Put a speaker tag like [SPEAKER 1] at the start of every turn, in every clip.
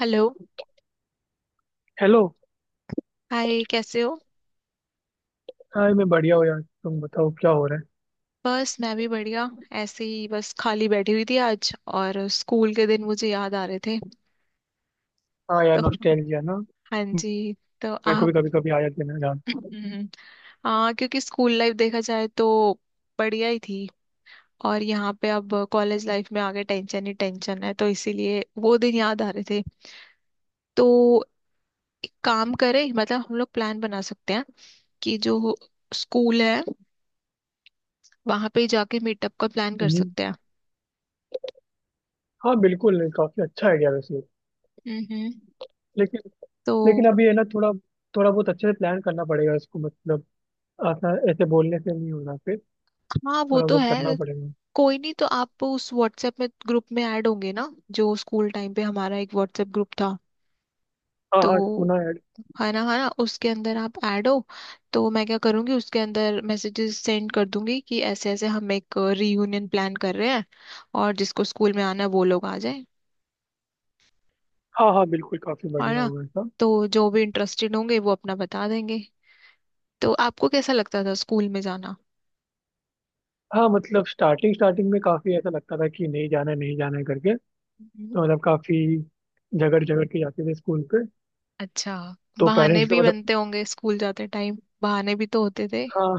[SPEAKER 1] Hello.
[SPEAKER 2] Hello.
[SPEAKER 1] Hi, कैसे हो।
[SPEAKER 2] Hi, मैं बढ़िया हूँ यार। तुम बताओ क्या हो रहा है।
[SPEAKER 1] बस मैं भी बढ़िया। ऐसे ही बस खाली बैठी हुई थी आज, और स्कूल के दिन मुझे याद आ रहे थे।
[SPEAKER 2] हाँ यार,
[SPEAKER 1] तो
[SPEAKER 2] नॉस्टैल्जिया ना।
[SPEAKER 1] हाँ जी। तो
[SPEAKER 2] मेरे को
[SPEAKER 1] आप।
[SPEAKER 2] भी कभी कभी आ जाती है ना जान।
[SPEAKER 1] हम्म। हाँ, क्योंकि स्कूल लाइफ देखा जाए तो बढ़िया ही थी। और यहाँ पे अब कॉलेज लाइफ में आगे टेंशन ही टेंशन है, तो इसीलिए वो दिन याद आ रहे थे। तो एक काम करें, मतलब हम लोग प्लान बना सकते हैं कि जो स्कूल है, वहां पे जाके मीटअप का प्लान कर
[SPEAKER 2] हम्म,
[SPEAKER 1] सकते हैं।
[SPEAKER 2] हाँ बिल्कुल, काफी अच्छा आइडिया वैसे।
[SPEAKER 1] हम्म।
[SPEAKER 2] लेकिन
[SPEAKER 1] तो
[SPEAKER 2] लेकिन अभी है ना थोड़ा, थोड़ा बहुत अच्छे से प्लान करना पड़ेगा इसको। मतलब ऐसा, ऐसे बोलने से नहीं होगा फिर।
[SPEAKER 1] हाँ, वो
[SPEAKER 2] थोड़ा
[SPEAKER 1] तो
[SPEAKER 2] बहुत करना
[SPEAKER 1] है।
[SPEAKER 2] पड़ेगा।
[SPEAKER 1] कोई नहीं, तो आप उस व्हाट्सएप में ग्रुप में ऐड होंगे ना, जो स्कूल टाइम पे हमारा एक व्हाट्सएप ग्रुप था।
[SPEAKER 2] हाँ
[SPEAKER 1] तो
[SPEAKER 2] हाँ, सुना है।
[SPEAKER 1] है ना, है ना, उसके अंदर आप ऐड हो। तो मैं क्या करूँगी, उसके अंदर मैसेजेस सेंड कर दूंगी कि ऐसे ऐसे हम एक रीयूनियन प्लान कर रहे हैं, और जिसको स्कूल में आना है वो लोग आ जाए।
[SPEAKER 2] हाँ हाँ बिल्कुल, काफी
[SPEAKER 1] है
[SPEAKER 2] बढ़िया
[SPEAKER 1] ना।
[SPEAKER 2] होगा ऐसा।
[SPEAKER 1] तो जो भी इंटरेस्टेड होंगे वो अपना बता देंगे। तो आपको कैसा लगता था स्कूल में जाना।
[SPEAKER 2] हाँ मतलब स्टार्टिंग स्टार्टिंग में काफी ऐसा लगता था कि नहीं जाना है, नहीं जाना है करके।
[SPEAKER 1] हम्म।
[SPEAKER 2] तो मतलब काफी झगड़ झगड़ के जाते थे स्कूल पे।
[SPEAKER 1] अच्छा,
[SPEAKER 2] तो
[SPEAKER 1] बहाने
[SPEAKER 2] पेरेंट्स ने
[SPEAKER 1] भी
[SPEAKER 2] मतलब।
[SPEAKER 1] बनते होंगे स्कूल जाते टाइम, बहाने भी तो होते थे,
[SPEAKER 2] हाँ,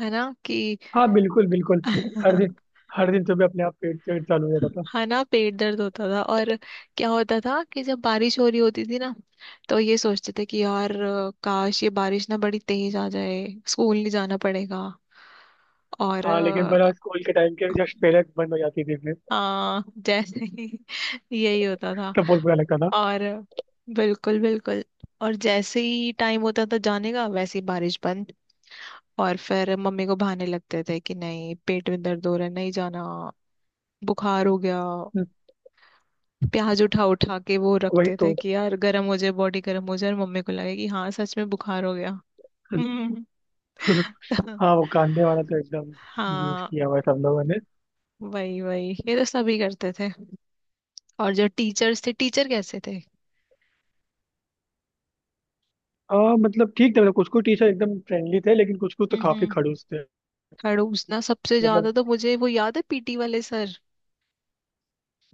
[SPEAKER 1] है ना कि
[SPEAKER 2] हाँ बिल्कुल बिल्कुल। हर दिन, हर दिन सुबह अपने आप पेट पेट चालू हो जाता था।
[SPEAKER 1] है ना, पेट दर्द होता था। और क्या होता था कि जब बारिश हो रही होती थी ना, तो ये सोचते थे कि यार, काश ये बारिश ना बड़ी तेज आ जाए, स्कूल नहीं जाना पड़ेगा। और
[SPEAKER 2] हाँ, लेकिन बड़ा स्कूल के टाइम के जस्ट पहले बंद हो जाती थी फिर।
[SPEAKER 1] हाँ, जैसे ही यही होता था।
[SPEAKER 2] तब बहुत बुरा लगता था।
[SPEAKER 1] और बिल्कुल बिल्कुल। और जैसे ही टाइम होता था जाने का, वैसे ही बारिश बंद। और फिर मम्मी को बहाने लगते थे कि नहीं, पेट में दर्द हो रहा है, नहीं जाना, बुखार हो गया।
[SPEAKER 2] हम्म,
[SPEAKER 1] प्याज उठा उठा के वो
[SPEAKER 2] वही
[SPEAKER 1] रखते थे
[SPEAKER 2] तो।
[SPEAKER 1] कि यार गर्म हो जाए, बॉडी गर्म हो जाए और मम्मी को लगे कि हाँ, सच में बुखार हो गया। हम्म।
[SPEAKER 2] हाँ वो कांदे वाला तो एकदम यूज
[SPEAKER 1] हाँ
[SPEAKER 2] किया हुआ है सब लोगों ने।
[SPEAKER 1] वही वही, ये तो सभी करते थे। और जो टीचर्स थे, टीचर कैसे थे।
[SPEAKER 2] हाँ मतलब ठीक था। मतलब कुछ कुछ टीचर एकदम फ्रेंडली थे लेकिन कुछ कुछ तो काफी
[SPEAKER 1] हम्म।
[SPEAKER 2] खड़ूस थे।
[SPEAKER 1] खड़ूस ना, सबसे ज्यादा
[SPEAKER 2] मतलब
[SPEAKER 1] तो मुझे वो याद है पीटी वाले सर।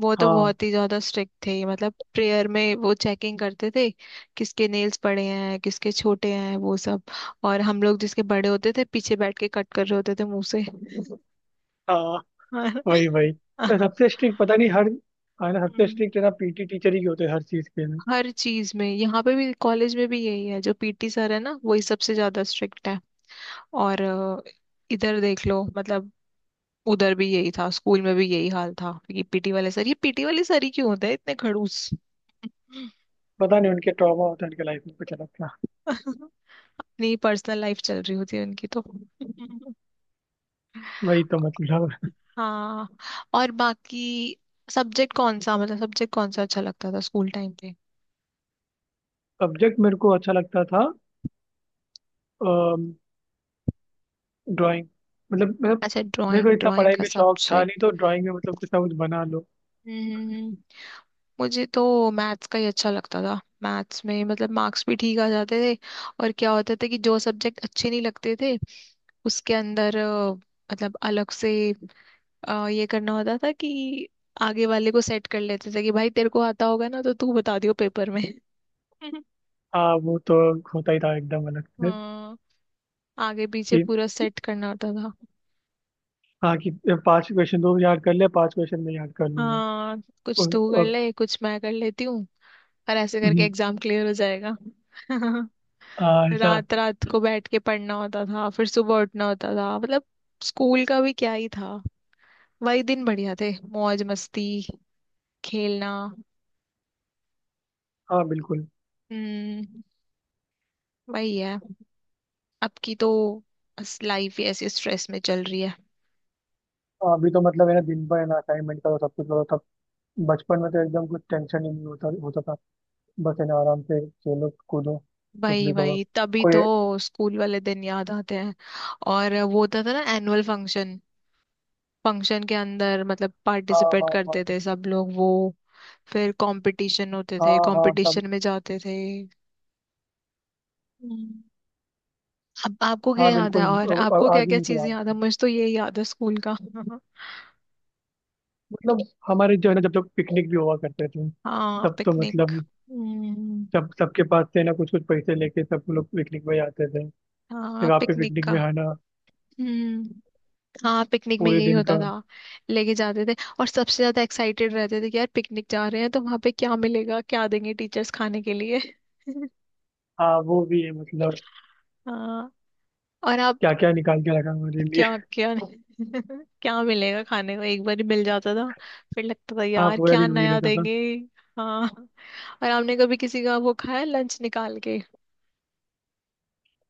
[SPEAKER 1] वो तो
[SPEAKER 2] हाँ।
[SPEAKER 1] बहुत ही ज्यादा स्ट्रिक्ट थे, मतलब प्रेयर में वो चेकिंग करते थे किसके नेल्स बड़े हैं, किसके छोटे हैं, वो सब। और हम लोग जिसके बड़े होते थे पीछे बैठ के कट कर रहे होते थे मुंह से।
[SPEAKER 2] हाँ, वही वही। तो
[SPEAKER 1] हाँ।
[SPEAKER 2] सबसे स्ट्रिक्ट पता नहीं हर, हाँ ना, सबसे
[SPEAKER 1] हम्म,
[SPEAKER 2] स्ट्रिक्ट है ना पीटी टीचर ही होते हैं हर चीज के लिए।
[SPEAKER 1] हर चीज में, यहाँ पे भी, कॉलेज में भी यही है, जो पीटी सर है ना वही सबसे ज्यादा स्ट्रिक्ट है। और इधर देख लो, मतलब उधर भी यही था, स्कूल में भी यही हाल था कि पीटी वाले सर ये पीटी वाले सर ही क्यों होते हैं इतने खड़ूस।
[SPEAKER 2] पता नहीं, उनके ट्रॉमा होता है, उनके लाइफ में कुछ अलग था।
[SPEAKER 1] अपनी पर्सनल लाइफ चल रही होती है उनकी तो।
[SPEAKER 2] वही तो मतलब।
[SPEAKER 1] हाँ। और बाकी सब्जेक्ट कौन सा, मतलब सब्जेक्ट कौन सा अच्छा लगता था स्कूल टाइम पे।
[SPEAKER 2] सब्जेक्ट मेरे को अच्छा लगता था ड्राइंग। मतलब मैं,
[SPEAKER 1] अच्छा,
[SPEAKER 2] मेरे को
[SPEAKER 1] ड्राइंग,
[SPEAKER 2] इतना
[SPEAKER 1] ड्राइंग
[SPEAKER 2] पढ़ाई
[SPEAKER 1] का
[SPEAKER 2] में शौक था नहीं,
[SPEAKER 1] सब्जेक्ट।
[SPEAKER 2] तो ड्राइंग में मतलब कुछ ना कुछ बना लो।
[SPEAKER 1] मुझे तो मैथ्स का ही अच्छा लगता था। मैथ्स में मतलब मार्क्स भी ठीक आ जाते थे। और क्या होता था कि जो सब्जेक्ट अच्छे नहीं लगते थे, उसके अंदर मतलब अलग से ये करना होता था कि आगे वाले को सेट कर लेते थे कि भाई, तेरे को आता होगा ना, तो तू बता दियो पेपर में।
[SPEAKER 2] हाँ वो तो होता ही था एकदम अलग से।
[SPEAKER 1] हाँ, आगे पीछे
[SPEAKER 2] कि
[SPEAKER 1] पूरा सेट करना होता था।
[SPEAKER 2] हाँ, कि पांच क्वेश्चन दो याद कर ले, पांच क्वेश्चन मैं याद कर लूंगा।
[SPEAKER 1] हाँ, कुछ
[SPEAKER 2] और,
[SPEAKER 1] तू कर
[SPEAKER 2] और
[SPEAKER 1] ले, कुछ मैं कर लेती हूँ, और ऐसे करके
[SPEAKER 2] हम्म,
[SPEAKER 1] एग्जाम क्लियर हो जाएगा।
[SPEAKER 2] हाँ, ऐसा।
[SPEAKER 1] रात रात को बैठ के पढ़ना होता था, फिर सुबह उठना होता था, मतलब स्कूल का भी क्या ही था। वही दिन बढ़िया थे, मौज मस्ती, खेलना।
[SPEAKER 2] हाँ बिल्कुल।
[SPEAKER 1] हम्म, वही है। अब की तो लाइफ ही ऐसे स्ट्रेस में चल रही है।
[SPEAKER 2] हाँ, अभी तो मतलब है ना दिन भर है ना, असाइनमेंट करो, सब कुछ करो तब। बचपन में तो एकदम कुछ टेंशन ही नहीं होता होता था। बस है ना आराम से खेलो कूदो, कुछ
[SPEAKER 1] वही
[SPEAKER 2] भी करो।
[SPEAKER 1] वही, तभी तो
[SPEAKER 2] कोई।
[SPEAKER 1] स्कूल वाले दिन याद आते हैं। और वो होता था ना, एनुअल फंक्शन। फंक्शन के अंदर मतलब
[SPEAKER 2] हाँ
[SPEAKER 1] पार्टिसिपेट
[SPEAKER 2] हाँ हाँ।
[SPEAKER 1] करते थे सब लोग वो, फिर कंपटीशन होते थे,
[SPEAKER 2] हाँ हाँ सब।
[SPEAKER 1] कंपटीशन में जाते थे। अब आपको क्या
[SPEAKER 2] हाँ
[SPEAKER 1] याद है,
[SPEAKER 2] बिल्कुल।
[SPEAKER 1] और आपको क्या
[SPEAKER 2] आज ही
[SPEAKER 1] क्या
[SPEAKER 2] मुझको
[SPEAKER 1] चीजें
[SPEAKER 2] याद
[SPEAKER 1] याद है,
[SPEAKER 2] है।
[SPEAKER 1] मुझे तो ये याद है स्कूल का।
[SPEAKER 2] मतलब हमारे जो है ना, जब जब पिकनिक भी हुआ करते थे,
[SPEAKER 1] हाँ,
[SPEAKER 2] तब तो
[SPEAKER 1] पिकनिक।
[SPEAKER 2] मतलब
[SPEAKER 1] हम्म।
[SPEAKER 2] सब सबके पास से ना कुछ कुछ पैसे लेके सब लोग पिकनिक में जाते थे।
[SPEAKER 1] हाँ
[SPEAKER 2] फिर आप पे
[SPEAKER 1] पिकनिक
[SPEAKER 2] पिकनिक
[SPEAKER 1] का।
[SPEAKER 2] में है ना
[SPEAKER 1] हम्म। हाँ, पिकनिक में
[SPEAKER 2] पूरे
[SPEAKER 1] यही
[SPEAKER 2] दिन
[SPEAKER 1] होता
[SPEAKER 2] का।
[SPEAKER 1] था, लेके जाते थे और सबसे ज्यादा एक्साइटेड रहते थे कि यार पिकनिक जा रहे हैं, तो वहां पे क्या मिलेगा, क्या देंगे टीचर्स खाने के लिए।
[SPEAKER 2] हाँ वो भी है मतलब।
[SPEAKER 1] हाँ। और
[SPEAKER 2] क्या
[SPEAKER 1] आप,
[SPEAKER 2] क्या निकाल के रखा हमारे लिए।
[SPEAKER 1] क्या क्या क्या मिलेगा खाने को, एक बार ही मिल जाता था, फिर लगता था
[SPEAKER 2] हाँ
[SPEAKER 1] यार
[SPEAKER 2] पूरा
[SPEAKER 1] क्या
[SPEAKER 2] दिन वही
[SPEAKER 1] नया
[SPEAKER 2] रहता था।
[SPEAKER 1] देंगे। हाँ। और आपने कभी किसी का वो खाया, लंच निकाल के।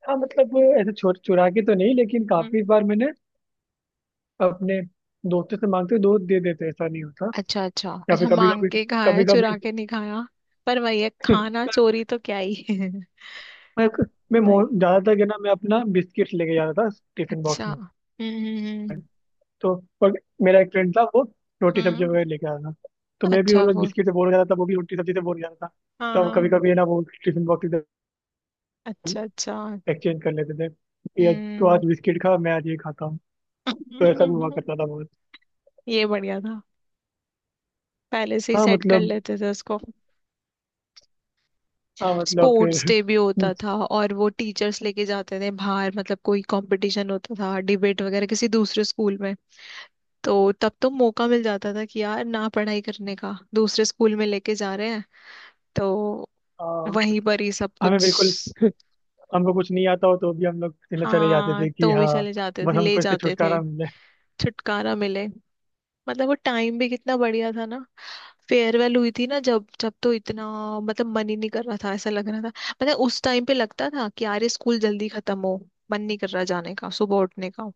[SPEAKER 2] हाँ मतलब ऐसे चोर चुरा के तो नहीं, लेकिन काफी
[SPEAKER 1] हम्म,
[SPEAKER 2] बार मैंने अपने दोस्तों से मांगते हुए, दोस्त दे देते, ऐसा नहीं होता।
[SPEAKER 1] अच्छा अच्छा
[SPEAKER 2] या फिर
[SPEAKER 1] अच्छा,
[SPEAKER 2] कभी
[SPEAKER 1] मांग
[SPEAKER 2] कभी,
[SPEAKER 1] के खाया,
[SPEAKER 2] कभी कभी।
[SPEAKER 1] चुरा के नहीं खाया। पर वही है, खाना चोरी तो क्या ही है।
[SPEAKER 2] मैं
[SPEAKER 1] नहीं।
[SPEAKER 2] ज्यादातर क्या ना, मैं अपना बिस्किट लेके जाता था टिफिन
[SPEAKER 1] अच्छा,
[SPEAKER 2] बॉक्स में। तो और मेरा एक फ्रेंड था वो रोटी
[SPEAKER 1] हम्म,
[SPEAKER 2] सब्जी
[SPEAKER 1] हम्म।
[SPEAKER 2] वगैरह लेके आता था। तो मैं भी, वो
[SPEAKER 1] अच्छा
[SPEAKER 2] लोग
[SPEAKER 1] वो,
[SPEAKER 2] बिस्किट से बोर हो जाता था, वो भी रोटी सब्जी से बोर हो जाता था।
[SPEAKER 1] हाँ
[SPEAKER 2] तो हम कभी
[SPEAKER 1] हाँ।
[SPEAKER 2] कभी है ना वो टिफिन बॉक्स इधर
[SPEAKER 1] अच्छा अच्छा।
[SPEAKER 2] एक्सचेंज कर लेते थे कि आज तो,
[SPEAKER 1] हम्म।
[SPEAKER 2] आज बिस्किट खा, मैं आज ये खाता हूँ। तो ऐसा भी हुआ करता था बहुत।
[SPEAKER 1] ये बढ़िया था, पहले से ही
[SPEAKER 2] हाँ
[SPEAKER 1] सेट कर
[SPEAKER 2] मतलब,
[SPEAKER 1] लेते थे उसको।
[SPEAKER 2] हाँ मतलब
[SPEAKER 1] स्पोर्ट्स
[SPEAKER 2] फिर।
[SPEAKER 1] डे भी होता था, और वो टीचर्स लेके जाते थे बाहर, मतलब कोई कंपटीशन होता था, डिबेट वगैरह, किसी दूसरे स्कूल में। तो तब तो मौका मिल जाता था कि यार ना पढ़ाई करने का, दूसरे स्कूल में लेके जा रहे हैं, तो
[SPEAKER 2] हाँ,
[SPEAKER 1] वहीं पर ही सब
[SPEAKER 2] हमें
[SPEAKER 1] कुछ।
[SPEAKER 2] बिल्कुल, हमको कुछ नहीं आता हो तो भी हम लोग चले चले जाते
[SPEAKER 1] हाँ,
[SPEAKER 2] थे कि
[SPEAKER 1] तो भी
[SPEAKER 2] हाँ,
[SPEAKER 1] चले जाते थे,
[SPEAKER 2] बस
[SPEAKER 1] ले
[SPEAKER 2] हमको इससे
[SPEAKER 1] जाते थे।
[SPEAKER 2] छुटकारा मिले।
[SPEAKER 1] छुटकारा मिले। मतलब वो टाइम भी कितना बढ़िया था ना। फेयरवेल हुई थी ना, जब जब, तो इतना, मतलब मन ही नहीं कर रहा था, ऐसा लग रहा था। मतलब उस टाइम पे लगता था कि यार ये स्कूल जल्दी खत्म हो, मन नहीं कर रहा जाने का, सुबह उठने का,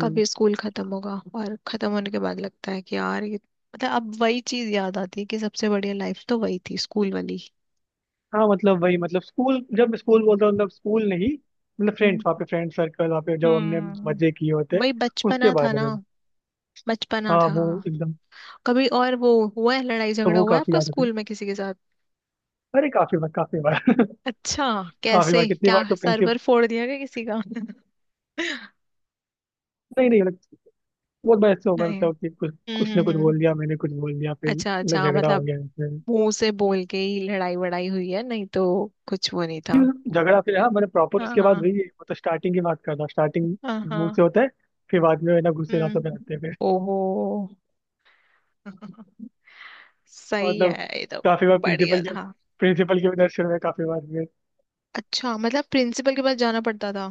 [SPEAKER 1] कब ये स्कूल खत्म होगा, और खत्म होने के बाद लगता है कि यार ये, मतलब अब वही चीज याद आती है कि सबसे बढ़िया लाइफ तो वही थी, स्कूल वाली।
[SPEAKER 2] हाँ मतलब वही, मतलब स्कूल, जब स्कूल बोलता हूँ मतलब स्कूल नहीं, मतलब
[SPEAKER 1] हम्म।
[SPEAKER 2] फ्रेंड्स वहाँ पे, फ्रेंड सर्कल वहाँ पे जो हमने
[SPEAKER 1] हम्म।
[SPEAKER 2] मजे किए होते
[SPEAKER 1] वही
[SPEAKER 2] उसके
[SPEAKER 1] बचपना था
[SPEAKER 2] बारे
[SPEAKER 1] ना,
[SPEAKER 2] में।
[SPEAKER 1] बचपना
[SPEAKER 2] हाँ
[SPEAKER 1] था।
[SPEAKER 2] वो एकदम,
[SPEAKER 1] कभी और वो, हुआ है लड़ाई
[SPEAKER 2] तो
[SPEAKER 1] झगड़ा
[SPEAKER 2] वो
[SPEAKER 1] हुआ है
[SPEAKER 2] काफी
[SPEAKER 1] आपका
[SPEAKER 2] याद आता है।
[SPEAKER 1] स्कूल में किसी के साथ।
[SPEAKER 2] अरे काफी बार, काफी बार।
[SPEAKER 1] अच्छा,
[SPEAKER 2] काफी बार,
[SPEAKER 1] कैसे,
[SPEAKER 2] कितनी
[SPEAKER 1] क्या
[SPEAKER 2] बार तो प्रिंसिपल,
[SPEAKER 1] सर्वर फोड़ दिया क्या किसी का।
[SPEAKER 2] नहीं नहीं मतलब बहुत बार ऐसे होगा
[SPEAKER 1] नहीं।
[SPEAKER 2] मतलब कि कुछ
[SPEAKER 1] हम्म
[SPEAKER 2] कुछ ने
[SPEAKER 1] हम्म
[SPEAKER 2] कुछ बोल
[SPEAKER 1] हम्म।
[SPEAKER 2] दिया, मैंने कुछ बोल दिया, फिर
[SPEAKER 1] अच्छा
[SPEAKER 2] मतलब
[SPEAKER 1] अच्छा,
[SPEAKER 2] झगड़ा हो
[SPEAKER 1] मतलब
[SPEAKER 2] गया इसमें।
[SPEAKER 1] मुंह से बोल के ही लड़ाई वड़ाई हुई है, नहीं तो कुछ वो नहीं था।
[SPEAKER 2] फिर झगड़ा, फिर हाँ मैंने प्रॉपर
[SPEAKER 1] हाँ
[SPEAKER 2] उसके बाद
[SPEAKER 1] हाँ
[SPEAKER 2] वही। मतलब स्टार्टिंग की बात कर रहा, स्टार्टिंग
[SPEAKER 1] हाँ।
[SPEAKER 2] मुंह
[SPEAKER 1] हाँ।
[SPEAKER 2] से होता है, फिर बाद में ना गुस्से रातों पे
[SPEAKER 1] हम्म।
[SPEAKER 2] आते हैं।
[SPEAKER 1] ओहो। सही
[SPEAKER 2] मतलब
[SPEAKER 1] है ये तो।
[SPEAKER 2] काफी बार प्रिंसिपल
[SPEAKER 1] बढ़िया
[SPEAKER 2] के,
[SPEAKER 1] था।
[SPEAKER 2] प्रिंसिपल के भी दर्शन हुए, काफी बार हुए।
[SPEAKER 1] अच्छा, मतलब प्रिंसिपल के पास जाना पड़ता था।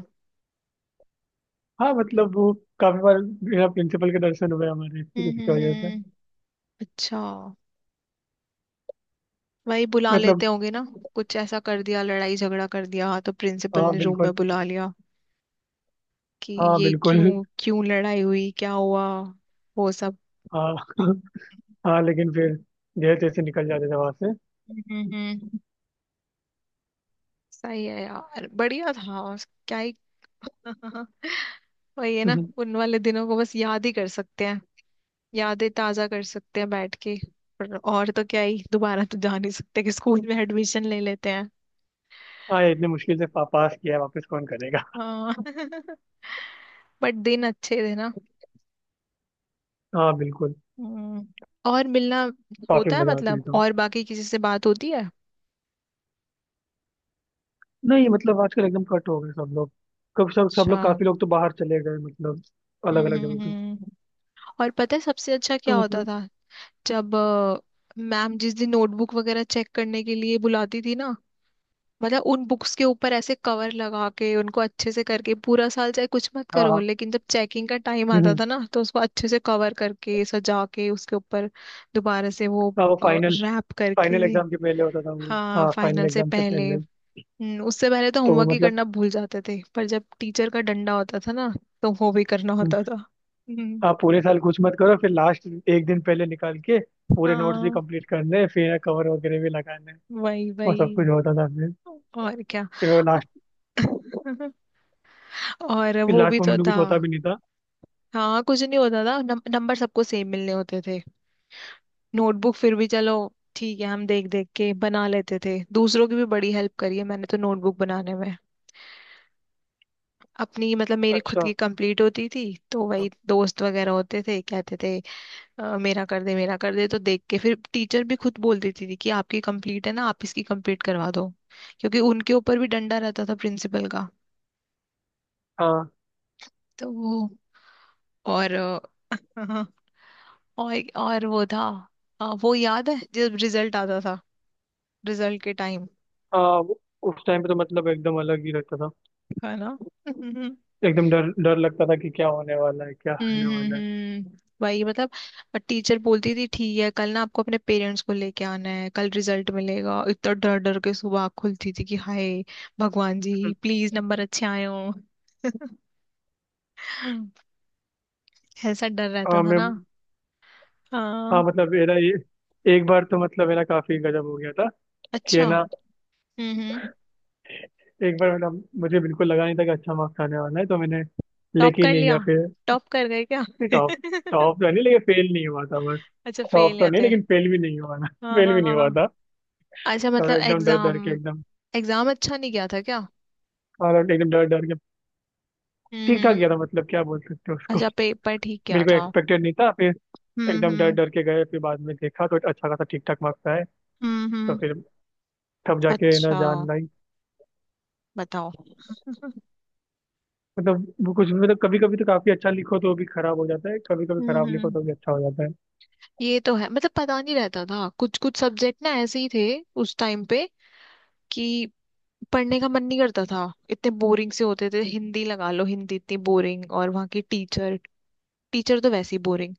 [SPEAKER 2] हाँ मतलब वो काफी बार बिना प्रिंसिपल के दर्शन हुए हमारे इसकी
[SPEAKER 1] हम्म
[SPEAKER 2] उसकी
[SPEAKER 1] हम्म
[SPEAKER 2] वजह से।
[SPEAKER 1] हम्म। अच्छा, वही बुला लेते
[SPEAKER 2] मतलब
[SPEAKER 1] होंगे ना, कुछ ऐसा कर दिया, लड़ाई झगड़ा कर दिया तो प्रिंसिपल
[SPEAKER 2] हाँ
[SPEAKER 1] ने रूम में
[SPEAKER 2] बिल्कुल।
[SPEAKER 1] बुला लिया कि
[SPEAKER 2] हाँ
[SPEAKER 1] ये
[SPEAKER 2] बिल्कुल।
[SPEAKER 1] क्यों क्यों लड़ाई हुई, क्या हुआ, वो सब।
[SPEAKER 2] हाँ। हाँ लेकिन फिर जैसे तैसे निकल जाते थे वहां से।
[SPEAKER 1] हम्म। सही है यार, बढ़िया था क्या ही। वही है ना,
[SPEAKER 2] हम्म,
[SPEAKER 1] उन वाले दिनों को बस याद ही कर सकते हैं, यादें ताजा कर सकते हैं बैठ के। पर और तो क्या ही, दोबारा तो जा नहीं सकते कि स्कूल में एडमिशन ले लेते हैं।
[SPEAKER 2] हाँ ये इतने मुश्किल से पास किया है, वापस कौन करेगा।
[SPEAKER 1] हाँ। बट दिन अच्छे थे ना।
[SPEAKER 2] हाँ बिल्कुल।
[SPEAKER 1] हम्म। और मिलना
[SPEAKER 2] काफी
[SPEAKER 1] होता है,
[SPEAKER 2] मजा आती थी
[SPEAKER 1] मतलब
[SPEAKER 2] तो।
[SPEAKER 1] और बाकी किसी से बात होती है।
[SPEAKER 2] नहीं मतलब आजकल एकदम कट हो गए सब लोग। कब सब सब
[SPEAKER 1] अच्छा,
[SPEAKER 2] लोग, काफी लोग तो बाहर चले गए मतलब, अलग
[SPEAKER 1] हम्म
[SPEAKER 2] अलग
[SPEAKER 1] हम्म
[SPEAKER 2] जगह पे।
[SPEAKER 1] हम्म। और पता है सबसे अच्छा क्या
[SPEAKER 2] तो
[SPEAKER 1] होता
[SPEAKER 2] मतलब
[SPEAKER 1] था, जब मैम जिस दिन नोटबुक वगैरह चेक करने के लिए बुलाती थी ना, मतलब उन बुक्स के ऊपर ऐसे कवर लगा के उनको अच्छे से करके, पूरा साल चाहे कुछ मत
[SPEAKER 2] हाँ
[SPEAKER 1] करो,
[SPEAKER 2] हाँ।
[SPEAKER 1] लेकिन जब चेकिंग का टाइम आता
[SPEAKER 2] हम्म,
[SPEAKER 1] था ना, तो उसको अच्छे से कवर करके सजा के, उसके ऊपर दोबारा से वो
[SPEAKER 2] हाँ वो फाइनल,
[SPEAKER 1] रैप करके।
[SPEAKER 2] फाइनल एग्जाम के पहले होता था वो,
[SPEAKER 1] हाँ,
[SPEAKER 2] हाँ फाइनल
[SPEAKER 1] फाइनल से
[SPEAKER 2] एग्जाम से
[SPEAKER 1] पहले।
[SPEAKER 2] पहले।
[SPEAKER 1] उससे पहले तो
[SPEAKER 2] तो वो
[SPEAKER 1] होमवर्क ही
[SPEAKER 2] मतलब,
[SPEAKER 1] करना भूल जाते थे, पर जब टीचर का डंडा होता था ना, तो वो भी करना
[SPEAKER 2] हम्म,
[SPEAKER 1] होता था। हम्म,
[SPEAKER 2] आप पूरे साल कुछ मत करो, फिर लास्ट एक दिन पहले निकाल के पूरे नोट्स भी
[SPEAKER 1] हाँ
[SPEAKER 2] कंप्लीट करने हैं, फिर कवर वगैरह भी लगाने हैं।
[SPEAKER 1] वही
[SPEAKER 2] वो
[SPEAKER 1] वही।
[SPEAKER 2] सब कुछ होता था फिर।
[SPEAKER 1] और क्या।
[SPEAKER 2] फिर वो लास्ट,
[SPEAKER 1] और
[SPEAKER 2] फिर
[SPEAKER 1] वो भी
[SPEAKER 2] लास्ट
[SPEAKER 1] तो
[SPEAKER 2] मोमेंट में
[SPEAKER 1] था।
[SPEAKER 2] कुछ होता भी नहीं था।
[SPEAKER 1] हाँ, कुछ नहीं होता था, नंबर सबको सेम मिलने होते थे। नोटबुक फिर भी चलो, ठीक है, हम देख देख के बना लेते थे। दूसरों की भी बड़ी हेल्प करी है मैंने तो नोटबुक बनाने में। अपनी मतलब मेरी खुद
[SPEAKER 2] अच्छा
[SPEAKER 1] की कंप्लीट होती थी, तो वही दोस्त वगैरह होते थे, कहते थे, मेरा कर दे, मेरा कर दे", तो देख के फिर टीचर भी खुद बोल देती थी कि आपकी कंप्लीट है ना, आप इसकी कंप्लीट करवा दो, क्योंकि उनके ऊपर भी डंडा रहता था प्रिंसिपल का।
[SPEAKER 2] हाँ
[SPEAKER 1] तो वो, और हाँ, और वो था, वो याद है जब रिजल्ट आता था, रिजल्ट के टाइम।
[SPEAKER 2] हाँ वो-, उस टाइम पे तो मतलब एकदम अलग ही रहता था।
[SPEAKER 1] है ना। हम्म
[SPEAKER 2] एकदम डर डर लगता था कि क्या होने वाला है, क्या
[SPEAKER 1] हम्म
[SPEAKER 2] होने वाला है।
[SPEAKER 1] हम्म। वही, मतलब टीचर बोलती थी ठीक है, कल ना आपको अपने पेरेंट्स को लेके आना है, कल रिजल्ट मिलेगा, इतना डर डर के सुबह आँख खुलती थी कि हाय भगवान जी,
[SPEAKER 2] हम्म।
[SPEAKER 1] प्लीज नंबर अच्छे आए हो। ऐसा डर रहता
[SPEAKER 2] हाँ
[SPEAKER 1] था
[SPEAKER 2] मैं,
[SPEAKER 1] ना।
[SPEAKER 2] हाँ
[SPEAKER 1] हाँ।
[SPEAKER 2] मतलब मेरा ये, एक बार तो मतलब मेरा काफी गजब हो गया था कि है
[SPEAKER 1] अच्छा,
[SPEAKER 2] ना,
[SPEAKER 1] हम्म हम्म।
[SPEAKER 2] एक बार मतलब मुझे बिल्कुल लगा नहीं था कि अच्छा मार्क्स आने वाला है, तो मैंने
[SPEAKER 1] टॉप
[SPEAKER 2] लेके ही
[SPEAKER 1] कर
[SPEAKER 2] नहीं
[SPEAKER 1] लिया।
[SPEAKER 2] गया फिर।
[SPEAKER 1] टॉप कर गए क्या।
[SPEAKER 2] नहीं टॉप, टॉप तो नहीं, लेकिन फेल नहीं हुआ था बस।
[SPEAKER 1] अच्छा, फेल
[SPEAKER 2] टॉप
[SPEAKER 1] नहीं
[SPEAKER 2] तो नहीं,
[SPEAKER 1] होते।
[SPEAKER 2] लेकिन फेल भी नहीं हुआ ना।
[SPEAKER 1] हाँ
[SPEAKER 2] फेल
[SPEAKER 1] हाँ
[SPEAKER 2] भी नहीं हुआ
[SPEAKER 1] हाँ।
[SPEAKER 2] था।
[SPEAKER 1] अच्छा
[SPEAKER 2] थोड़ा
[SPEAKER 1] मतलब,
[SPEAKER 2] एकदम डर डर
[SPEAKER 1] एग्जाम,
[SPEAKER 2] के, एकदम,
[SPEAKER 1] एग्जाम अच्छा नहीं गया था क्या।
[SPEAKER 2] और एकदम डर डर के ठीक ठाक
[SPEAKER 1] हम्म।
[SPEAKER 2] गया था, मतलब क्या बोल सकते हो उसको।
[SPEAKER 1] अच्छा, पेपर ठीक किया
[SPEAKER 2] बिल्कुल
[SPEAKER 1] था।
[SPEAKER 2] एक्सपेक्टेड नहीं था, फिर एकदम डर
[SPEAKER 1] हम्म।
[SPEAKER 2] डर के गए, फिर बाद में देखा तो अच्छा खासा ठीक ठाक मार्क्स आए। तो
[SPEAKER 1] हम्म।
[SPEAKER 2] फिर तब जाके ना
[SPEAKER 1] अच्छा,
[SPEAKER 2] जान लाई।
[SPEAKER 1] बताओ।
[SPEAKER 2] मतलब वो कुछ, मतलब कभी कभी तो काफी अच्छा लिखो तो भी खराब हो जाता है, कभी कभी खराब लिखो
[SPEAKER 1] हम्म।
[SPEAKER 2] तो भी अच्छा हो जाता है।
[SPEAKER 1] ये तो है, मतलब पता नहीं रहता था, कुछ कुछ सब्जेक्ट ना ऐसे ही थे उस टाइम पे कि पढ़ने का मन नहीं करता था। इतने बोरिंग से होते थे, हिंदी लगा लो, हिंदी इतनी बोरिंग, और वहाँ की टीचर, टीचर तो वैसे ही बोरिंग,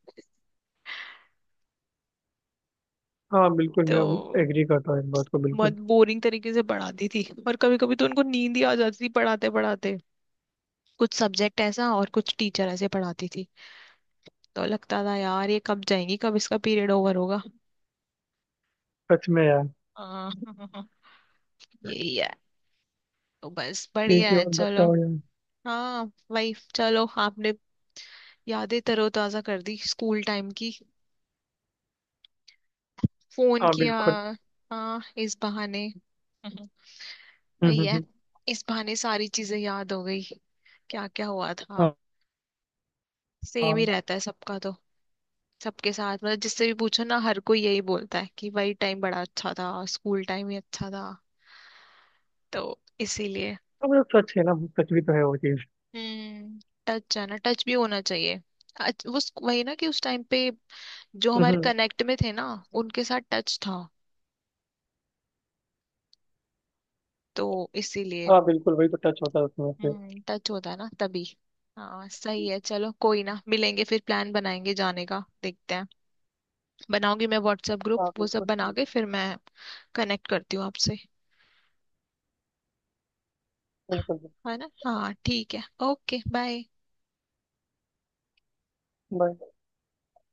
[SPEAKER 2] हाँ बिल्कुल, मैं
[SPEAKER 1] तो
[SPEAKER 2] एग्री करता हूँ इस बात को
[SPEAKER 1] बहुत
[SPEAKER 2] बिल्कुल।
[SPEAKER 1] बोरिंग तरीके से पढ़ाती थी। और कभी कभी तो उनको नींद ही आ जाती थी पढ़ाते पढ़ाते। कुछ सब्जेक्ट ऐसा, और कुछ टीचर ऐसे पढ़ाती थी, तो लगता था यार ये कब जाएंगी, कब इसका पीरियड ओवर होगा।
[SPEAKER 2] सच में यार।
[SPEAKER 1] हाँ। यही है। तो बस,
[SPEAKER 2] ठीक
[SPEAKER 1] बढ़िया
[SPEAKER 2] है,
[SPEAKER 1] है,
[SPEAKER 2] और
[SPEAKER 1] चलो।
[SPEAKER 2] बताओ यार।
[SPEAKER 1] हाँ लाइफ, चलो आपने यादें तरोताजा कर दी स्कूल टाइम की, फोन
[SPEAKER 2] हाँ
[SPEAKER 1] किया।
[SPEAKER 2] बिल्कुल।
[SPEAKER 1] हाँ, इस बहाने।
[SPEAKER 2] हम्म
[SPEAKER 1] वही
[SPEAKER 2] हम्म
[SPEAKER 1] है,
[SPEAKER 2] हम्म,
[SPEAKER 1] इस बहाने सारी चीजें याद हो गई, क्या क्या हुआ था।
[SPEAKER 2] हाँ हाँ,
[SPEAKER 1] सेम ही
[SPEAKER 2] हाँ,
[SPEAKER 1] रहता है सबका तो, सबके साथ, मतलब जिससे भी पूछो ना, हर कोई यही बोलता है कि वही टाइम बड़ा अच्छा था, स्कूल टाइम ही अच्छा था, तो इसीलिए।
[SPEAKER 2] मतलब सच है ना, सच भी तो है वो चीज।
[SPEAKER 1] हम्म। टच भी होना चाहिए। वही ना कि उस टाइम पे जो
[SPEAKER 2] हम्म
[SPEAKER 1] हमारे
[SPEAKER 2] हम्म,
[SPEAKER 1] कनेक्ट में थे ना, उनके साथ टच था, तो इसीलिए।
[SPEAKER 2] हाँ बिल्कुल, वही तो टच होता है उसमें से।
[SPEAKER 1] हम्म, टच होता है ना तभी। हाँ सही है, चलो कोई ना, मिलेंगे फिर, प्लान बनाएंगे जाने का, देखते हैं। बनाऊंगी मैं व्हाट्सएप ग्रुप,
[SPEAKER 2] हाँ
[SPEAKER 1] वो सब
[SPEAKER 2] बिल्कुल,
[SPEAKER 1] बना के, फिर मैं कनेक्ट करती हूँ आपसे।
[SPEAKER 2] बिल्कुल।
[SPEAKER 1] है ना, हाँ ठीक है। Okay, bye.
[SPEAKER 2] बाय।